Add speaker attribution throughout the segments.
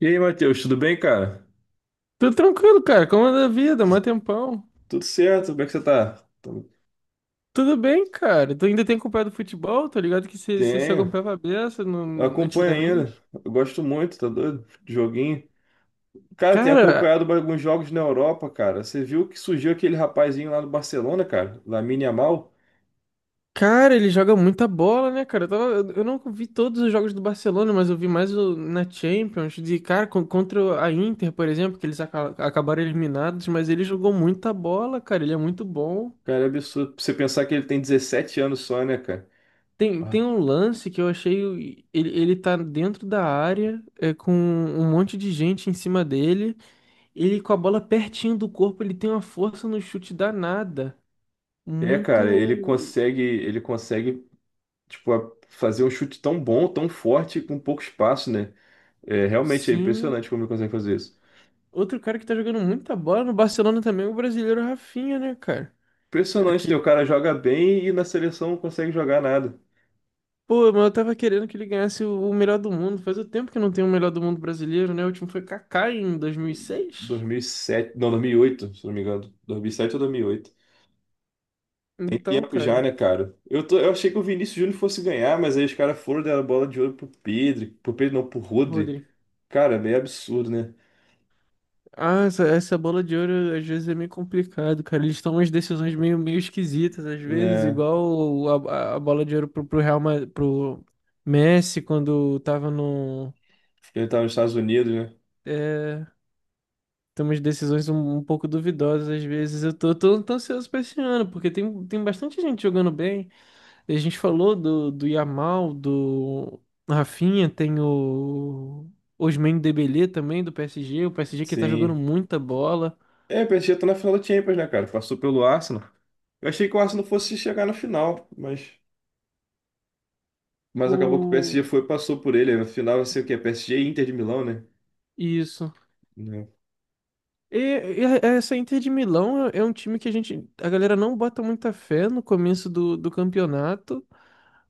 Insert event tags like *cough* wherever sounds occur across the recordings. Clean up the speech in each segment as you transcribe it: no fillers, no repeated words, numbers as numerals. Speaker 1: E aí, Matheus, tudo bem, cara?
Speaker 2: Tudo tranquilo, cara. Como anda a vida? Mó tempão.
Speaker 1: Tudo certo, como é que você tá?
Speaker 2: Tudo bem, cara. Tu ainda tem acompanhado futebol? Tô ligado que você se
Speaker 1: Tenho,
Speaker 2: acompanhava a beça
Speaker 1: acompanho ainda.
Speaker 2: antigamente.
Speaker 1: Eu gosto muito, tá doido? De joguinho. Cara, tenho
Speaker 2: Cara,
Speaker 1: acompanhado alguns jogos na Europa, cara. Você viu que surgiu aquele rapazinho lá do Barcelona, cara? Lamine Yamal?
Speaker 2: cara, ele joga muita bola, né, cara? Eu não vi todos os jogos do Barcelona, mas eu vi mais na Champions. De, cara, con- contra a Inter, por exemplo, que eles acabaram eliminados, mas ele jogou muita bola, cara. Ele é muito bom.
Speaker 1: Cara, é absurdo. Pra você pensar que ele tem 17 anos só, né, cara?
Speaker 2: Tem
Speaker 1: Ah.
Speaker 2: um lance que eu achei. Ele tá dentro da área, é, com um monte de gente em cima dele. Ele com a bola pertinho do corpo, ele tem uma força no chute danada.
Speaker 1: É, cara, ele
Speaker 2: Muito.
Speaker 1: consegue, ele consegue, tipo, fazer um chute tão bom, tão forte, com pouco espaço, né? É, realmente é
Speaker 2: Sim.
Speaker 1: impressionante como ele consegue fazer isso.
Speaker 2: Outro cara que tá jogando muita bola no Barcelona também, é o brasileiro Rafinha, né, cara?
Speaker 1: Impressionante, né? O
Speaker 2: Aquele...
Speaker 1: cara joga bem e na seleção não consegue jogar nada.
Speaker 2: Pô, mas eu tava querendo que ele ganhasse o melhor do mundo. Faz o tempo que não tem o melhor do mundo brasileiro, né? O último foi Kaká em 2006.
Speaker 1: 2007, não, 2008, se não me engano. 2007 ou 2008. Tem
Speaker 2: Então,
Speaker 1: tempo já,
Speaker 2: cara,
Speaker 1: né, cara? Eu achei que o Vinícius Júnior fosse ganhar, mas aí os caras foram dar a bola de ouro pro Pedro não, pro Rodri.
Speaker 2: Rodri.
Speaker 1: Cara, é meio absurdo, né?
Speaker 2: Ah, essa bola de ouro às vezes é meio complicado, cara. Eles tomam umas decisões meio esquisitas, às vezes,
Speaker 1: Né?
Speaker 2: igual a bola de ouro pro Messi quando tava no.
Speaker 1: Ele tava nos Estados Unidos, né?
Speaker 2: É, tem umas decisões um pouco duvidosas, às vezes. Eu tô ansioso pra esse ano, porque tem bastante gente jogando bem. A gente falou do Yamal, do Rafinha, tem o Ousmane Dembélé também, do PSG. O PSG que tá jogando
Speaker 1: Sim.
Speaker 2: muita bola.
Speaker 1: É, o PSG tá na final da Champions, né, cara? Passou pelo Arsenal. Eu achei que o Arsenal fosse chegar na final, mas acabou que o PSG
Speaker 2: O.
Speaker 1: foi e passou por ele. Na final vai ser o quê? PSG e Inter de Milão, né?
Speaker 2: Isso.
Speaker 1: Né?
Speaker 2: E, e essa Inter de Milão é um time que a gente, a galera não bota muita fé no começo do campeonato,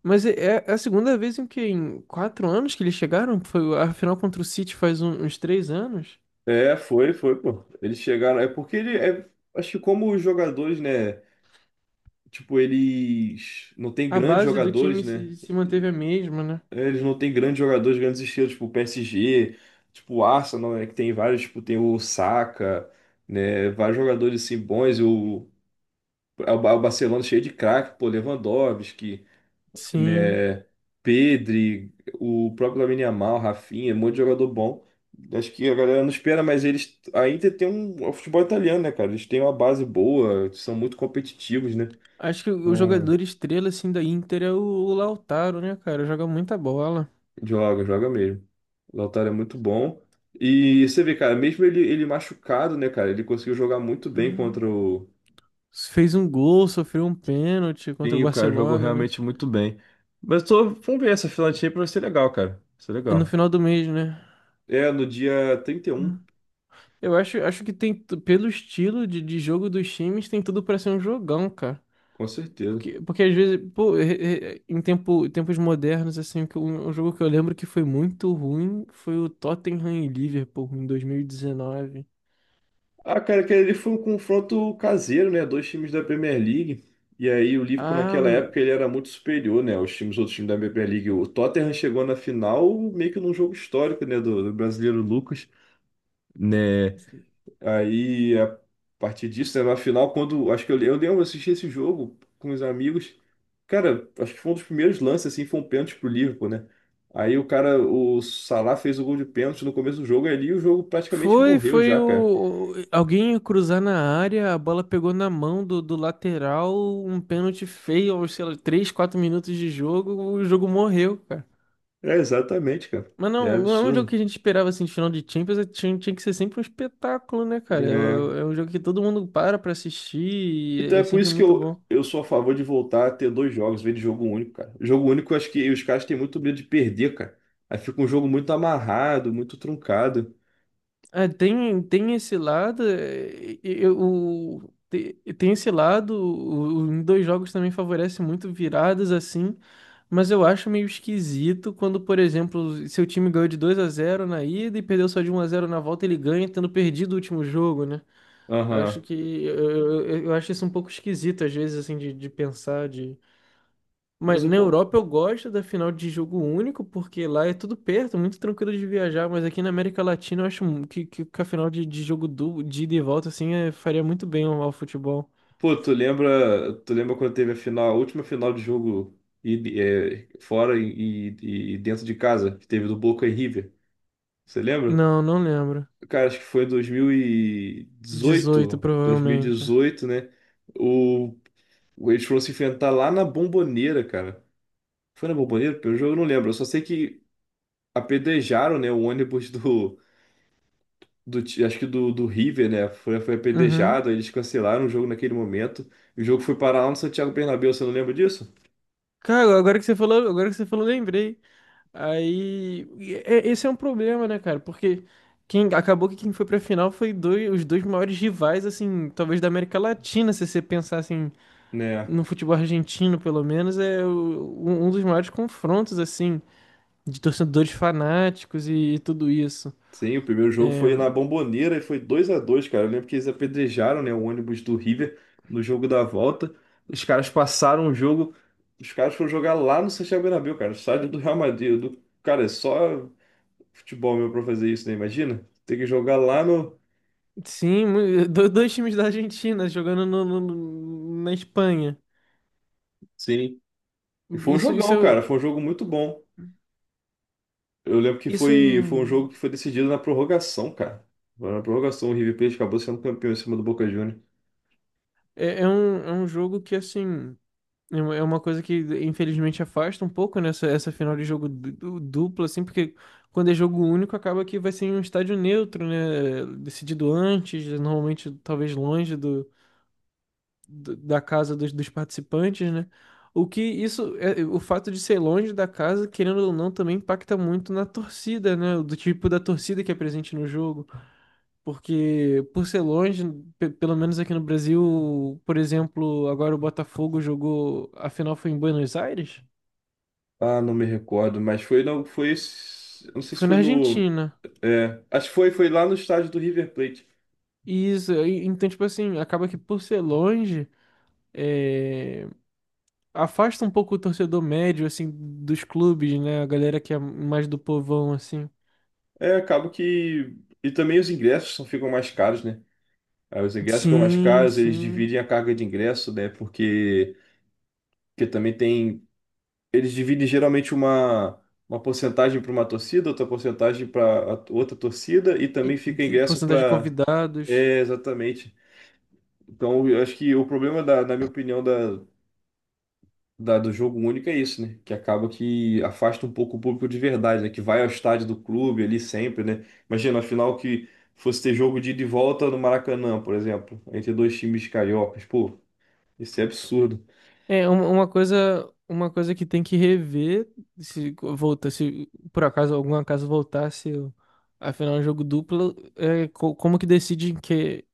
Speaker 2: mas é a segunda vez em que em 4 anos que eles chegaram, foi a final contra o City faz uns 3 anos,
Speaker 1: É, foi, pô. Eles chegaram. É porque ele é. Acho que como os jogadores, né? Tipo, eles não têm
Speaker 2: a
Speaker 1: grandes
Speaker 2: base do
Speaker 1: jogadores,
Speaker 2: time
Speaker 1: né?
Speaker 2: se manteve a mesma, né?
Speaker 1: Eles não têm grandes jogadores, grandes estrelas, tipo o PSG, tipo o Arsenal, né? Que tem vários, tipo, tem o Saka, né? Vários jogadores assim bons, é o Barcelona cheio de craque, pô, Lewandowski.
Speaker 2: Sim,
Speaker 1: Né? Pedri, o próprio Lamine Yamal, Rafinha, um monte de jogador bom. Acho que a galera não espera, mas eles ainda tem o futebol italiano, né, cara? Eles têm uma base boa, são muito competitivos, né?
Speaker 2: acho que o
Speaker 1: Então,
Speaker 2: jogador estrela assim da Inter é o Lautaro, né, cara? Joga muita bola.
Speaker 1: joga, joga mesmo. O Lautaro é muito bom. E você vê, cara, mesmo ele machucado, né, cara? Ele conseguiu jogar muito bem
Speaker 2: Uhum.
Speaker 1: contra o.
Speaker 2: Fez um gol, sofreu um pênalti contra o
Speaker 1: Sim, o cara jogou
Speaker 2: Barcelona, né?
Speaker 1: realmente muito bem. Mas vamos ver essa filantinha pra ser legal, cara. Vai ser
Speaker 2: E no
Speaker 1: legal.
Speaker 2: final do mês, né?
Speaker 1: É, no dia 31.
Speaker 2: Eu acho que pelo estilo de jogo dos times, tem tudo pra ser um jogão, cara.
Speaker 1: Com certeza.
Speaker 2: Porque, às vezes, pô, em tempos modernos, assim, que um jogo que eu lembro que foi muito ruim foi o Tottenham e Liverpool em 2019.
Speaker 1: Ah, cara, que ele foi um confronto caseiro, né? Dois times da Premier League. E aí o Liverpool
Speaker 2: Ah,
Speaker 1: naquela época ele era muito superior, né? Os times, outros times da Premier League. O Tottenham chegou na final meio que num jogo histórico, né? Do brasileiro Lucas, né? Aí a partir disso, né? Na final, quando acho que eu lembro, eu assisti esse jogo com os amigos. Cara, acho que foi um dos primeiros lances, assim, foi um pênalti pro Liverpool, né? Aí o cara, o Salah fez o gol de pênalti no começo do jogo ali, o jogo praticamente
Speaker 2: foi,
Speaker 1: morreu
Speaker 2: foi
Speaker 1: já, cara.
Speaker 2: alguém ia cruzar na área, a bola pegou na mão do lateral, um pênalti feio, aos, sei lá, 3, 4 minutos de jogo, o jogo morreu, cara.
Speaker 1: É exatamente, cara.
Speaker 2: Mas
Speaker 1: É
Speaker 2: não, não é um jogo
Speaker 1: absurdo.
Speaker 2: que a gente esperava assim de final de Champions, tinha que ser sempre um espetáculo, né, cara? É,
Speaker 1: É.
Speaker 2: o- é um jogo que todo mundo para pra assistir e
Speaker 1: Então
Speaker 2: é
Speaker 1: é
Speaker 2: é
Speaker 1: por
Speaker 2: sempre
Speaker 1: isso que
Speaker 2: muito
Speaker 1: eu,
Speaker 2: bom.
Speaker 1: eu sou a favor de voltar a ter dois jogos, em vez de jogo único, cara. Jogo único, eu acho que os caras têm muito medo de perder, cara. Aí fica um jogo muito amarrado, muito truncado.
Speaker 2: É, tem esse lado, e- e- o, tem esse lado, em dois jogos também favorece muito viradas assim, mas eu acho meio esquisito quando, por exemplo, seu time ganhou de 2-0 na ida e perdeu só de 1-0 na volta, ele ganha tendo perdido o último jogo, né? Eu acho
Speaker 1: Aham.
Speaker 2: que eu acho isso um pouco esquisito às vezes assim de, pensar de. Mas
Speaker 1: Mas o
Speaker 2: na
Speaker 1: bom.
Speaker 2: Europa eu gosto da final de jogo único porque lá é tudo perto, muito tranquilo de viajar, mas aqui na América Latina eu acho que a final de jogo de ida e volta assim faria muito bem ao futebol.
Speaker 1: Pô, tu lembra quando teve a final, a última final de jogo fora e dentro de casa, que teve do Boca e River? Você lembra?
Speaker 2: Não, não lembro.
Speaker 1: Cara, acho que foi em dois mil e
Speaker 2: Dezoito
Speaker 1: dezoito dois mil e
Speaker 2: provavelmente.
Speaker 1: dezoito, né? O Eles foram se enfrentar lá na Bomboneira, cara. Foi na Bomboneira? Pelo jogo eu não lembro. Eu só sei que apedrejaram, né, o ônibus acho que do River, né? Foi apedrejado,
Speaker 2: Uhum.
Speaker 1: aí eles cancelaram o jogo naquele momento. O jogo foi parar lá no Santiago Bernabéu, você não lembra disso?
Speaker 2: Cara, agora que você falou, lembrei. Aí, esse é um problema, né, cara? Porque quem acabou que quem foi pra final os dois maiores rivais, assim, talvez da América Latina, se você pensar assim,
Speaker 1: Né.
Speaker 2: no futebol argentino, pelo menos, um dos maiores confrontos, assim, de torcedores fanáticos e, tudo isso.
Speaker 1: Sim, o primeiro jogo
Speaker 2: É,
Speaker 1: foi na Bomboneira e foi 2-2, cara. Eu lembro que eles apedrejaram, né, o ônibus do River no jogo da volta. Os caras passaram o jogo, os caras foram jogar lá no Santiago Bernabéu, cara, o estádio do Real Madrid. Cara, é só futebol, meu, pra fazer isso, né? Imagina? Tem que jogar lá no.
Speaker 2: sim, *laughs* dois times da Argentina jogando na Espanha.
Speaker 1: Sim. E foi um
Speaker 2: Isso,
Speaker 1: jogão, cara. Foi um jogo muito bom. Eu lembro que
Speaker 2: isso é,
Speaker 1: foi um jogo
Speaker 2: um,
Speaker 1: que foi decidido na prorrogação, cara. Foi na prorrogação, o River Plate acabou sendo campeão em cima do Boca Juniors.
Speaker 2: é é um, é um jogo que, assim. É uma coisa que, infelizmente, afasta um pouco, essa final de jogo duplo, assim, porque quando é jogo único, acaba que vai ser em um estádio neutro, né? Decidido antes, normalmente, talvez longe da casa dos participantes, né? O que isso, é, o fato de ser longe da casa, querendo ou não, também impacta muito na torcida, né? Do tipo da torcida que é presente no jogo. Porque, por ser longe, pelo menos aqui no Brasil, por exemplo, agora o Botafogo jogou. A final foi em Buenos Aires?
Speaker 1: Ah, não me recordo, mas foi não foi eu não sei se
Speaker 2: Foi
Speaker 1: foi
Speaker 2: na
Speaker 1: no
Speaker 2: Argentina.
Speaker 1: acho que foi lá no estádio do River Plate.
Speaker 2: E isso, então, tipo assim, acaba que por ser longe, é, afasta um pouco o torcedor médio, assim, dos clubes, né? A galera que é mais do povão, assim.
Speaker 1: É, acaba que e também os ingressos ficam mais caros, né? Aí os ingressos ficam mais
Speaker 2: Sim,
Speaker 1: caros, eles
Speaker 2: sim.
Speaker 1: dividem a carga de ingresso, né? Porque também tem eles dividem geralmente uma, porcentagem para uma torcida, outra porcentagem para outra torcida e também
Speaker 2: E,
Speaker 1: fica
Speaker 2: e
Speaker 1: ingresso
Speaker 2: porcentagem de
Speaker 1: para.
Speaker 2: convidados.
Speaker 1: É, exatamente. Então, eu acho que o problema, na minha opinião, do jogo único é isso, né? Que acaba que afasta um pouco o público de verdade, né? Que vai ao estádio do clube ali sempre, né? Imagina, afinal, que fosse ter jogo de ida e volta no Maracanã, por exemplo, entre dois times cariocas. Pô, isso é absurdo.
Speaker 2: É uma coisa que tem que rever se volta, se por acaso algum acaso voltasse a final de jogo duplo, como que decide em que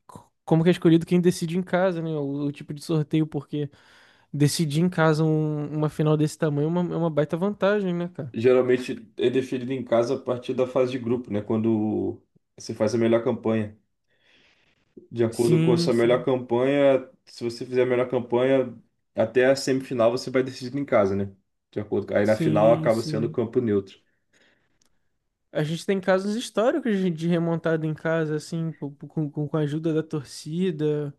Speaker 2: como que é escolhido quem decide em casa, né? O tipo de sorteio, porque decidir em casa uma final desse tamanho é uma baita vantagem, né, cara?
Speaker 1: Geralmente é definido em casa a partir da fase de grupo, né? Quando você faz a melhor campanha. De acordo com a
Speaker 2: Sim,
Speaker 1: sua melhor
Speaker 2: sim,
Speaker 1: campanha, se você fizer a melhor campanha até a semifinal, você vai decidir em casa, né? De acordo com. Aí na final
Speaker 2: sim,
Speaker 1: acaba sendo
Speaker 2: sim.
Speaker 1: campo neutro.
Speaker 2: A gente tem casos históricos de remontada em casa, assim, com a ajuda da torcida.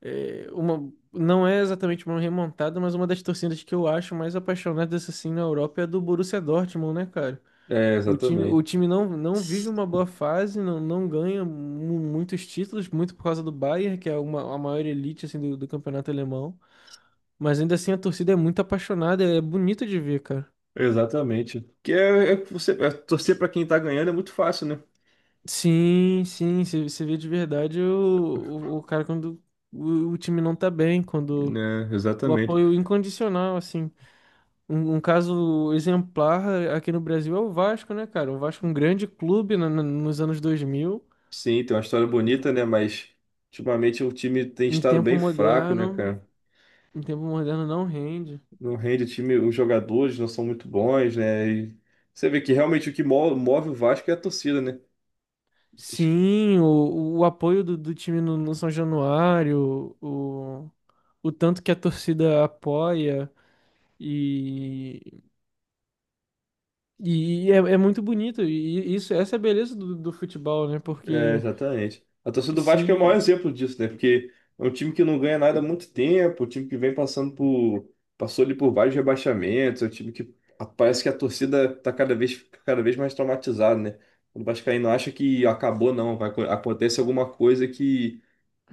Speaker 2: Não é exatamente uma remontada, mas uma das torcidas que eu acho mais apaixonadas assim na Europa é a do Borussia Dortmund, né, cara?
Speaker 1: É,
Speaker 2: O time, o
Speaker 1: exatamente.
Speaker 2: time não, não vive uma boa fase, não, não ganha muitos títulos, muito por causa do Bayern, que é a maior elite assim, do campeonato alemão. Mas ainda assim a torcida é muito apaixonada, é bonito de ver, cara.
Speaker 1: Exatamente. Que é que você é torcer para quem tá ganhando é muito fácil, né?
Speaker 2: Sim, sim, você vê de verdade o cara quando o time não tá bem, quando
Speaker 1: Né,
Speaker 2: o
Speaker 1: exatamente.
Speaker 2: apoio incondicional, assim. Um caso exemplar aqui no Brasil é o Vasco, né, cara? O Vasco, é um grande clube nos anos 2000.
Speaker 1: Sim, tem uma história bonita, né? Mas ultimamente o time tem
Speaker 2: Em
Speaker 1: estado
Speaker 2: tempo
Speaker 1: bem fraco, né,
Speaker 2: moderno,
Speaker 1: cara?
Speaker 2: em tempo moderno não rende.
Speaker 1: Não rende o time, os jogadores não são muito bons, né? E você vê que realmente o que move o Vasco é a torcida, né? Es-
Speaker 2: Sim, o apoio do time no São Januário, o tanto que a torcida apoia e, e é muito bonito. E isso, essa é a beleza do futebol, né?
Speaker 1: É,
Speaker 2: Porque
Speaker 1: exatamente. A torcida do Vasco é o maior
Speaker 2: se
Speaker 1: exemplo disso, né? Porque é um time que não ganha nada há muito tempo, um time que vem passando por, passou ali por vários rebaixamentos, é um time que parece que a torcida tá cada vez mais traumatizada, né? O vascaíno acha que acabou, não, vai, acontece alguma coisa.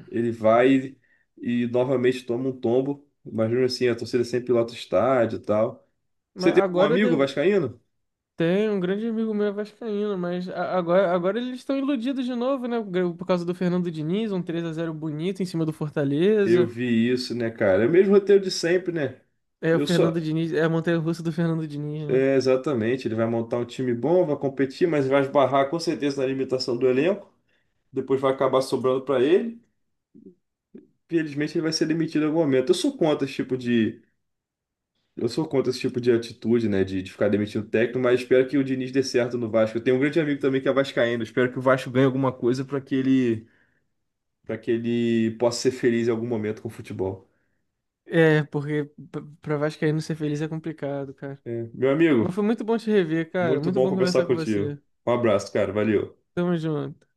Speaker 1: Ele vai e novamente toma um tombo. Imagina assim, a torcida sempre lota o estádio e tal. Você
Speaker 2: mas
Speaker 1: tem algum
Speaker 2: agora
Speaker 1: amigo vascaíno?
Speaker 2: Tem um grande amigo meu é vascaíno, mas agora eles estão iludidos de novo, né? Por causa do Fernando Diniz, um 3-0 bonito em cima do
Speaker 1: Eu
Speaker 2: Fortaleza.
Speaker 1: vi isso, né, cara? É o mesmo roteiro de sempre, né?
Speaker 2: É o
Speaker 1: Eu
Speaker 2: Fernando
Speaker 1: só.
Speaker 2: Diniz, é a montanha-russa do Fernando Diniz, né?
Speaker 1: É, exatamente. Ele vai montar um time bom, vai competir, mas vai esbarrar com certeza na limitação do elenco. Depois vai acabar sobrando para ele. Infelizmente, ele vai ser demitido em algum momento. Eu sou contra esse tipo de atitude, né? De ficar demitindo o técnico, mas espero que o Diniz dê certo no Vasco. Eu tenho um grande amigo também que é vascaíno. Espero que o Vasco ganhe alguma coisa para que ele, possa ser feliz em algum momento com o futebol.
Speaker 2: É, porque pra vascaíno ser feliz é complicado, cara.
Speaker 1: É. Meu
Speaker 2: Mas
Speaker 1: amigo,
Speaker 2: foi muito bom te rever, cara.
Speaker 1: muito
Speaker 2: Muito
Speaker 1: bom
Speaker 2: bom
Speaker 1: conversar
Speaker 2: conversar com
Speaker 1: contigo.
Speaker 2: você.
Speaker 1: Um abraço, cara. Valeu.
Speaker 2: Tamo junto.